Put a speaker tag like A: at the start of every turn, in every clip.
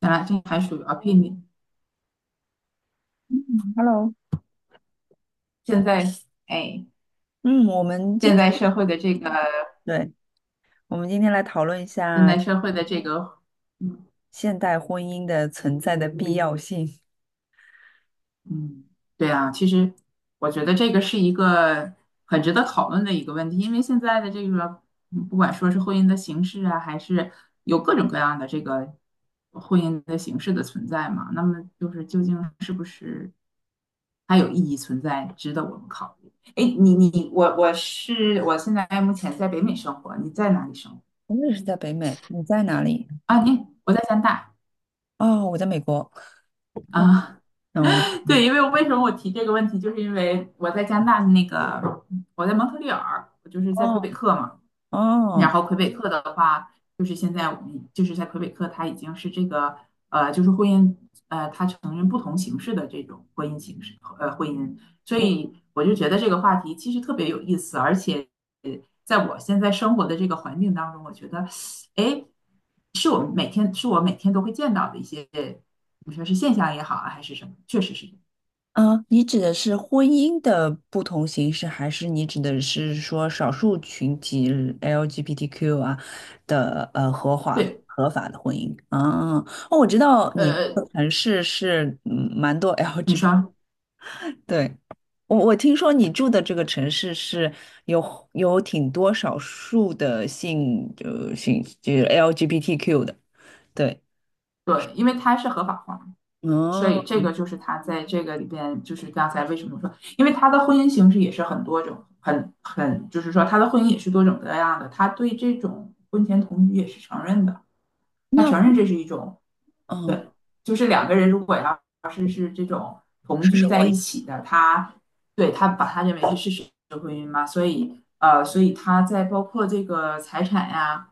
A: 咱俩这还属于 opinion。避免
B: 嗯，Hello，
A: 现在，哎，
B: 嗯，我们今
A: 现
B: 天，
A: 在社会的这个，
B: 对，我们今天来讨论一
A: 现
B: 下
A: 在社会的这个，
B: 现代婚姻的存在的必要性。
A: 嗯，对啊，其实我觉得这个是一个很值得讨论的一个问题，因为现在的这个，不管说是婚姻的形式啊，还是有各种各样的这个婚姻的形式的存在嘛，那么就是究竟是不是还有意义存在，值得我们考虑？哎，你我是我现在目前在北美生活，你在哪里生活？
B: 我也是在北美，你在哪里？
A: 啊，我在加拿大
B: 哦，我在美国。
A: 啊，
B: 那我们，
A: 对，因为为什么我提这个问题，就是因为我在加拿大的那个，我在蒙特利尔，我就是在魁
B: 哦
A: 北克嘛，然
B: 哦，
A: 后魁北克的话，就是现在我们就是在魁北克，它已经是这个就是婚姻它承认不同形式的这种婚姻，所
B: 你
A: 以我就觉得这个话题其实特别有意思，而且在我现在生活的这个环境当中，我觉得，哎，是我们每天是我每天都会见到的一些，你说是现象也好啊，还是什么，确实是
B: 你指的是婚姻的不同形式，还是你指的是说少数群体 LGBTQ 啊的合法
A: 对，
B: 合法的婚姻？啊，哦，我知道你
A: 呃，
B: 的城市是蛮多
A: 你
B: LGBT。
A: 说
B: 对，我听说你住的这个城市是有挺多少数的性就是 LGBTQ 的，对，
A: 对，因为它是合法化。所以
B: 哦，
A: 这个就是他在这个里边，就是刚才为什么说，因为他的婚姻形式也是很多种，就是说他的婚姻也是多种多样的，他对这种婚前同居也是承认的，他
B: 那
A: 承认这是一种，
B: 嗯
A: 对，就是两个人如果要同
B: 是
A: 居
B: 什么？
A: 在一起的，他把他认为是事实的婚姻嘛，所以所以他在包括这个财产呀、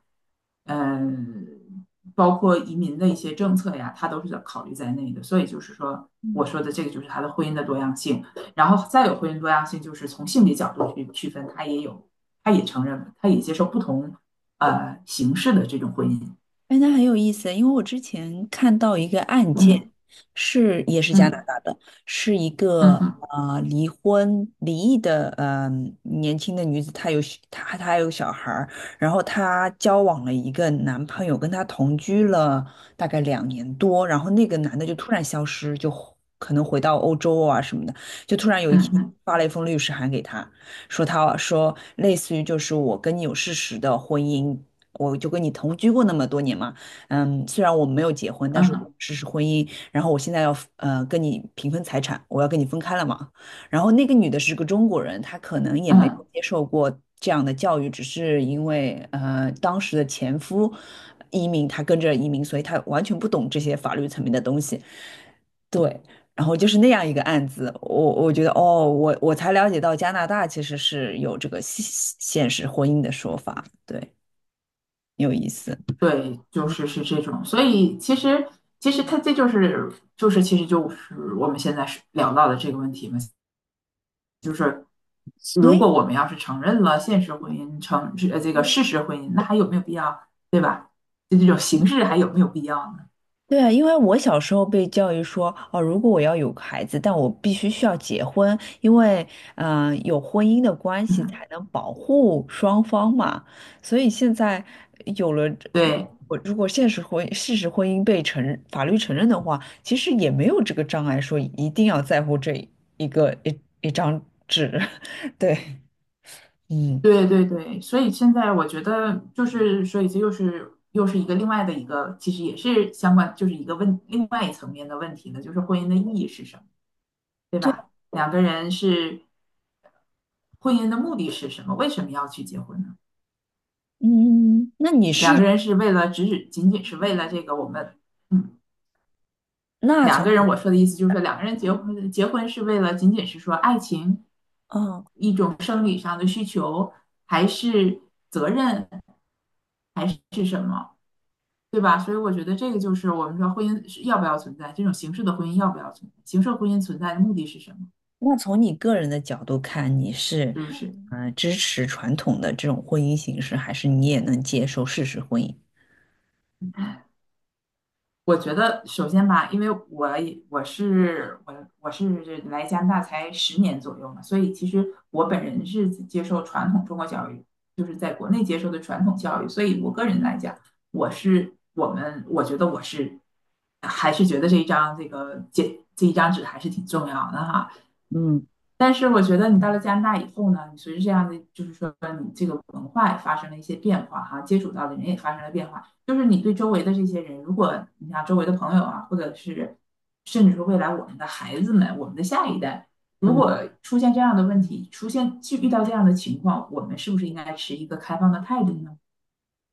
A: 啊嗯，包括移民的一些政策呀，他都是考虑在内的。所以就是说，我
B: 嗯。
A: 说的这个就是他的婚姻的多样性，然后再有婚姻多样性，就是从性别角度去区分，他也有，他也承认，他也接受不同形式的这种婚姻。
B: 哎，那很有意思，因为我之前看到一个案件，
A: 嗯
B: 是也是加拿
A: 嗯
B: 大的，是一
A: 嗯
B: 个
A: 哼
B: 离婚离异的年轻的女子，她还有小孩儿，然后她交往了一个男朋友，跟她同居了大概2年多，然后那个男的就突然消失，就可能回到欧洲啊什么的，就突然有一
A: 嗯
B: 天
A: 哼
B: 发了一封律师函给她，说她说类似于就是我跟你有事实的婚姻。我就跟你同居过那么多年嘛，虽然我没有结婚，但
A: 嗯
B: 是我
A: 哼
B: 实施婚姻，然后我现在要跟你平分财产，我要跟你分开了嘛。然后那个女的是个中国人，她可能也没有
A: 嗯，
B: 接受过这样的教育，只是因为当时的前夫移民，她跟着移民，所以她完全不懂这些法律层面的东西。对，然后就是那样一个案子，我觉得哦，我才了解到加拿大其实是有这个现实婚姻的说法，对，有意思。
A: 对，就是是这种。所以其实其实他这就是就是其实就是我们现在是聊到的这个问题嘛。就是
B: 所
A: 如
B: 以，
A: 果我们要是承认了现实婚姻，这个事实婚姻，那还有没有必要，对吧？就这种形式还有没有必要呢？
B: 对啊，因为我小时候被教育说，哦，如果我要有个孩子，但我必须需要结婚，因为，有婚姻的关系
A: 嗯，
B: 才能保护双方嘛。所以现在有了这，
A: 对
B: 我如果现实婚事实婚姻被承认法律承认的话，其实也没有这个障碍，说一定要在乎这一个一一张纸。对，嗯，
A: 对对对，所以现在我觉得就是，所以这又是一个另外的一个，其实也是相关，就是一个问另外一层面的问题呢，就是婚姻的意义是什么，对
B: 对，
A: 吧？两个人是婚姻的目的是什么？为什么要去结婚呢？
B: 嗯，那你
A: 两
B: 是
A: 个人是为了仅仅是为了这个我们。嗯
B: 那
A: 两
B: 从。
A: 个人，我说的意思就是说，两个人结婚，结婚是为了仅仅是说爱情，
B: 嗯。
A: 一种生理上的需求，还是责任，还是什么，对吧？所以我觉得这个就是我们说婚姻是要不要存在，这种形式的婚姻要不要存在，形式婚姻存在的目的是什么？
B: 那从你个人的角度看，你是
A: 是不是？
B: 支持传统的这种婚姻形式，还是你也能接受事实婚姻？
A: 我觉得首先吧，因为我也我是我我是来加拿大才10年左右嘛，所以其实我本人是接受传统中国教育，就是在国内接受的传统教育，所以我个人来讲，我还是觉得这一张纸还是挺重要的哈，
B: 嗯。
A: 但是我觉得你到了加拿大以后呢，你随着这样的，就是说你这个文化也发生了一些变化哈，接触到的人也发生了变化，就是你对周围的这些人，如果你像周围的朋友啊，或者是甚至说未来我们的孩子们，我们的下一代，如
B: 嗯。
A: 果出现这样的问题，出现去遇到这样的情况，我们是不是应该持一个开放的态度呢？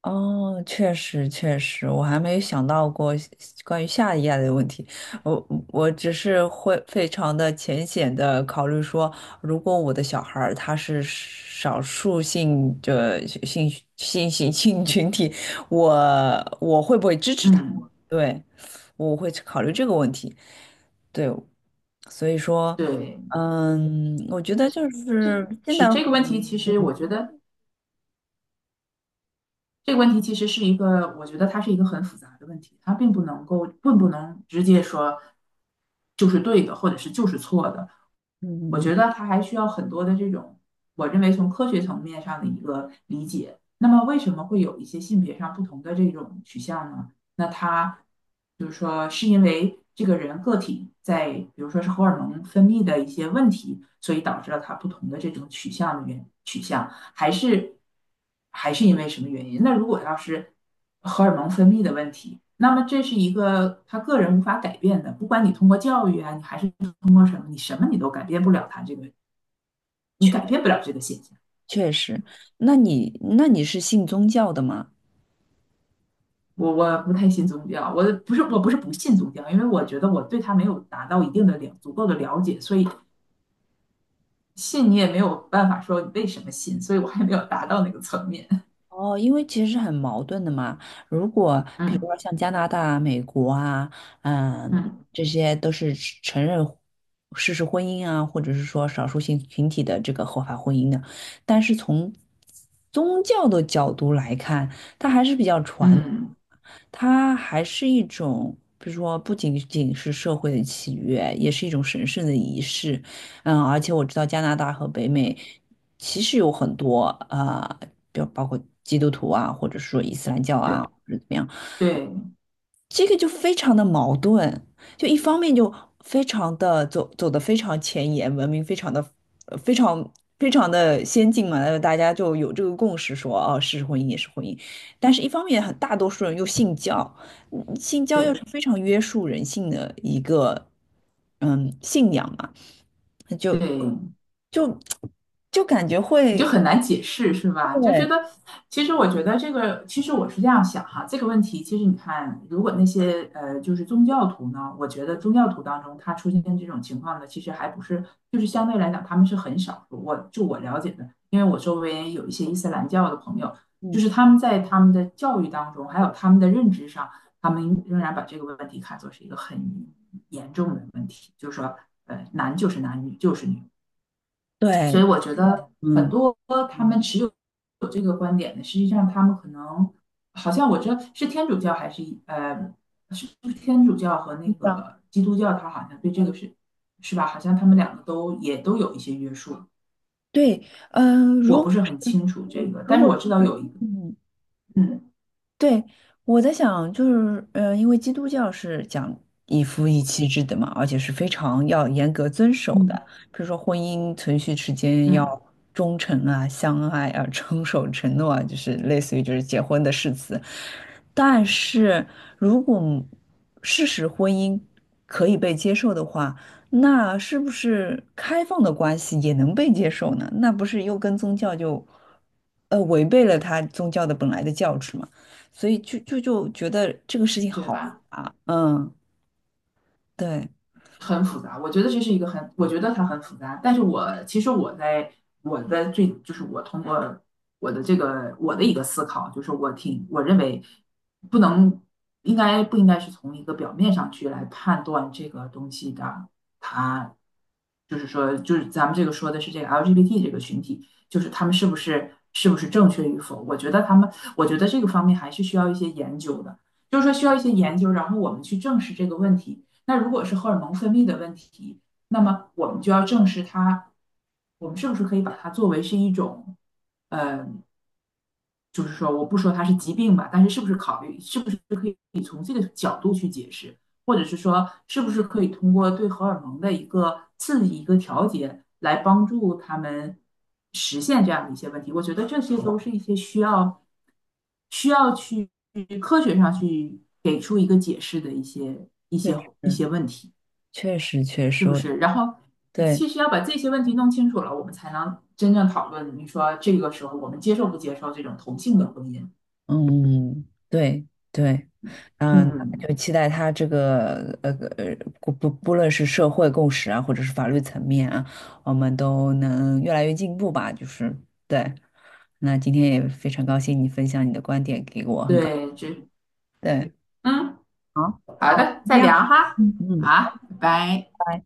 B: 哦，确实确实，我还没有想到过关于下一页的问题。我我只是会非常的浅显的考虑说，如果我的小孩儿他是少数性的性性性性群体，我我会不会支持他？
A: 嗯，
B: 对，我会考虑这个问题。对，所以说，
A: 对，
B: 我觉得就是现在，
A: 是这个问题，其实我觉得。这个问题其实是一个，我觉得它是一个很复杂的问题，它并不能够，并不能直接说就是对的，或者是就是错的。我
B: 嗯。
A: 觉得它还需要很多的这种，我认为从科学层面上的一个理解。那么为什么会有一些性别上不同的这种取向呢？那它就是说，是因为这个人个体在，比如说是荷尔蒙分泌的一些问题，所以导致了他不同的这种取向的原取向。还是还是因为什么原因？那如果要是荷尔蒙分泌的问题，那么这是一个他个人无法改变的，不管你通过教育啊，你还是通过什么，你什么你都改变不了他这个，你改变不了这个现象。
B: 确实，那你是信宗教的吗？
A: 我不太信宗教，我不是不信宗教，因为我觉得我对他没有达到一定的了足够的了解，所以信你也没有办法说你为什么信，所以我还没有达到那个层面。
B: 哦，因为其实很矛盾的嘛。如果 比如
A: 嗯
B: 说像加拿大、美国啊，嗯，
A: 嗯
B: 这些都是承认事实婚姻啊，或者是说少数性群体的这个合法婚姻的，但是从宗教的角度来看，比较传。
A: 嗯，
B: 它还是一种，比如说不仅仅是社会的契约，也是一种神圣的仪式。嗯，而且我知道加拿大和北美其实有很多啊，比如包括基督徒啊，或者说伊斯兰教啊，
A: 对
B: 或者怎么样。
A: 对
B: 这个就非常的矛盾，就一方面就非常的走的非常前沿，文明非常非常的先进嘛，大家就有这个共识说，哦，是婚姻也是婚姻，但是一方面很大多数人又信教，信教又
A: 对
B: 是非常约束人性的一个信仰嘛，那
A: 对，
B: 就就感觉
A: 你就
B: 会
A: 很难解释，是吧？就觉
B: 对，
A: 得，其实我觉得这个，其实我是这样想哈，这个问题，其实你看，如果那些就是宗教徒呢，我觉得宗教徒当中，他出现这种情况的，其实还不是，就是相对来讲，他们是很少数。我了解的，因为我周围有一些伊斯兰教的朋友，就
B: 嗯，
A: 是他们在他们的教育当中，还有他们的认知上，他们仍然把这个问题看作是一个很严重的问题，就是说，男就是男，女就是女，所以
B: 对，
A: 我觉得很
B: 嗯，
A: 多他们有这个观点的，实际上他们可能好像我这是天主教还是呃是不是天主教和那
B: 是这样，
A: 个基督教，他好像对这个是是吧？好像他们两个都也都有一些约束，
B: 对，嗯、
A: 我不
B: 如
A: 是很清楚这个，
B: 如
A: 但是
B: 果
A: 我知道有一个，
B: 嗯。
A: 嗯
B: 对，我在想，就是，因为基督教是讲一夫一妻制的嘛，而且是非常要严格遵守的，
A: 嗯
B: 比如说婚姻存续期间
A: 嗯，
B: 要忠诚啊、相爱啊、遵守承诺啊，就是类似于就是结婚的誓词。但是如果事实婚姻可以被接受的话，那是不是开放的关系也能被接受呢？那不是又跟宗教就，违背了他宗教的本来的教旨吗？所以就觉得这个事情
A: 对
B: 好复
A: 吧？
B: 杂。嗯，对，
A: 很复杂，我觉得这是一个很，我觉得它很复杂。但是我其实我在我的最就是我通过我的这个我的一个思考，就是我认为不能应该不应该是从一个表面上去来判断这个东西的它。就是说，就是咱们这个说的是这个 LGBT 这个群体，就是他们是不是正确与否？我觉得他们，我觉得这个方面还是需要一些研究的，就是说需要一些研究，然后我们去证实这个问题。那如果是荷尔蒙分泌的问题，那么我们就要证实它，我们是不是可以把它作为是一种，呃就是说我不说它是疾病吧，但是是不是考虑是不是可以从这个角度去解释，或者是说是不是可以通过对荷尔蒙的一个刺激、一个调节来帮助他们实现这样的一些问题？我觉得这些都是一些需要需要去科学上去给出一个解释的一些
B: 确实，
A: 一些问题，
B: 确实，确
A: 是
B: 实，
A: 不是？然后。
B: 对，
A: 其实要把这些问题弄清楚了，我们才能真正讨论。你说这个时候我们接受不接受这种同性的婚姻？
B: 嗯，对，对，嗯，
A: 嗯，
B: 就期待他这个呃，不论是社会共识啊，或者是法律层面啊，我们都能越来越进步吧。就是对，那今天也非常高兴你分享你的观点给我，
A: 对，这，
B: 对，
A: 嗯，
B: 好，
A: 好
B: 那我们
A: 的，
B: 就这
A: 再聊
B: 样，
A: 哈，
B: 嗯嗯。
A: 好，拜拜。
B: 拜拜。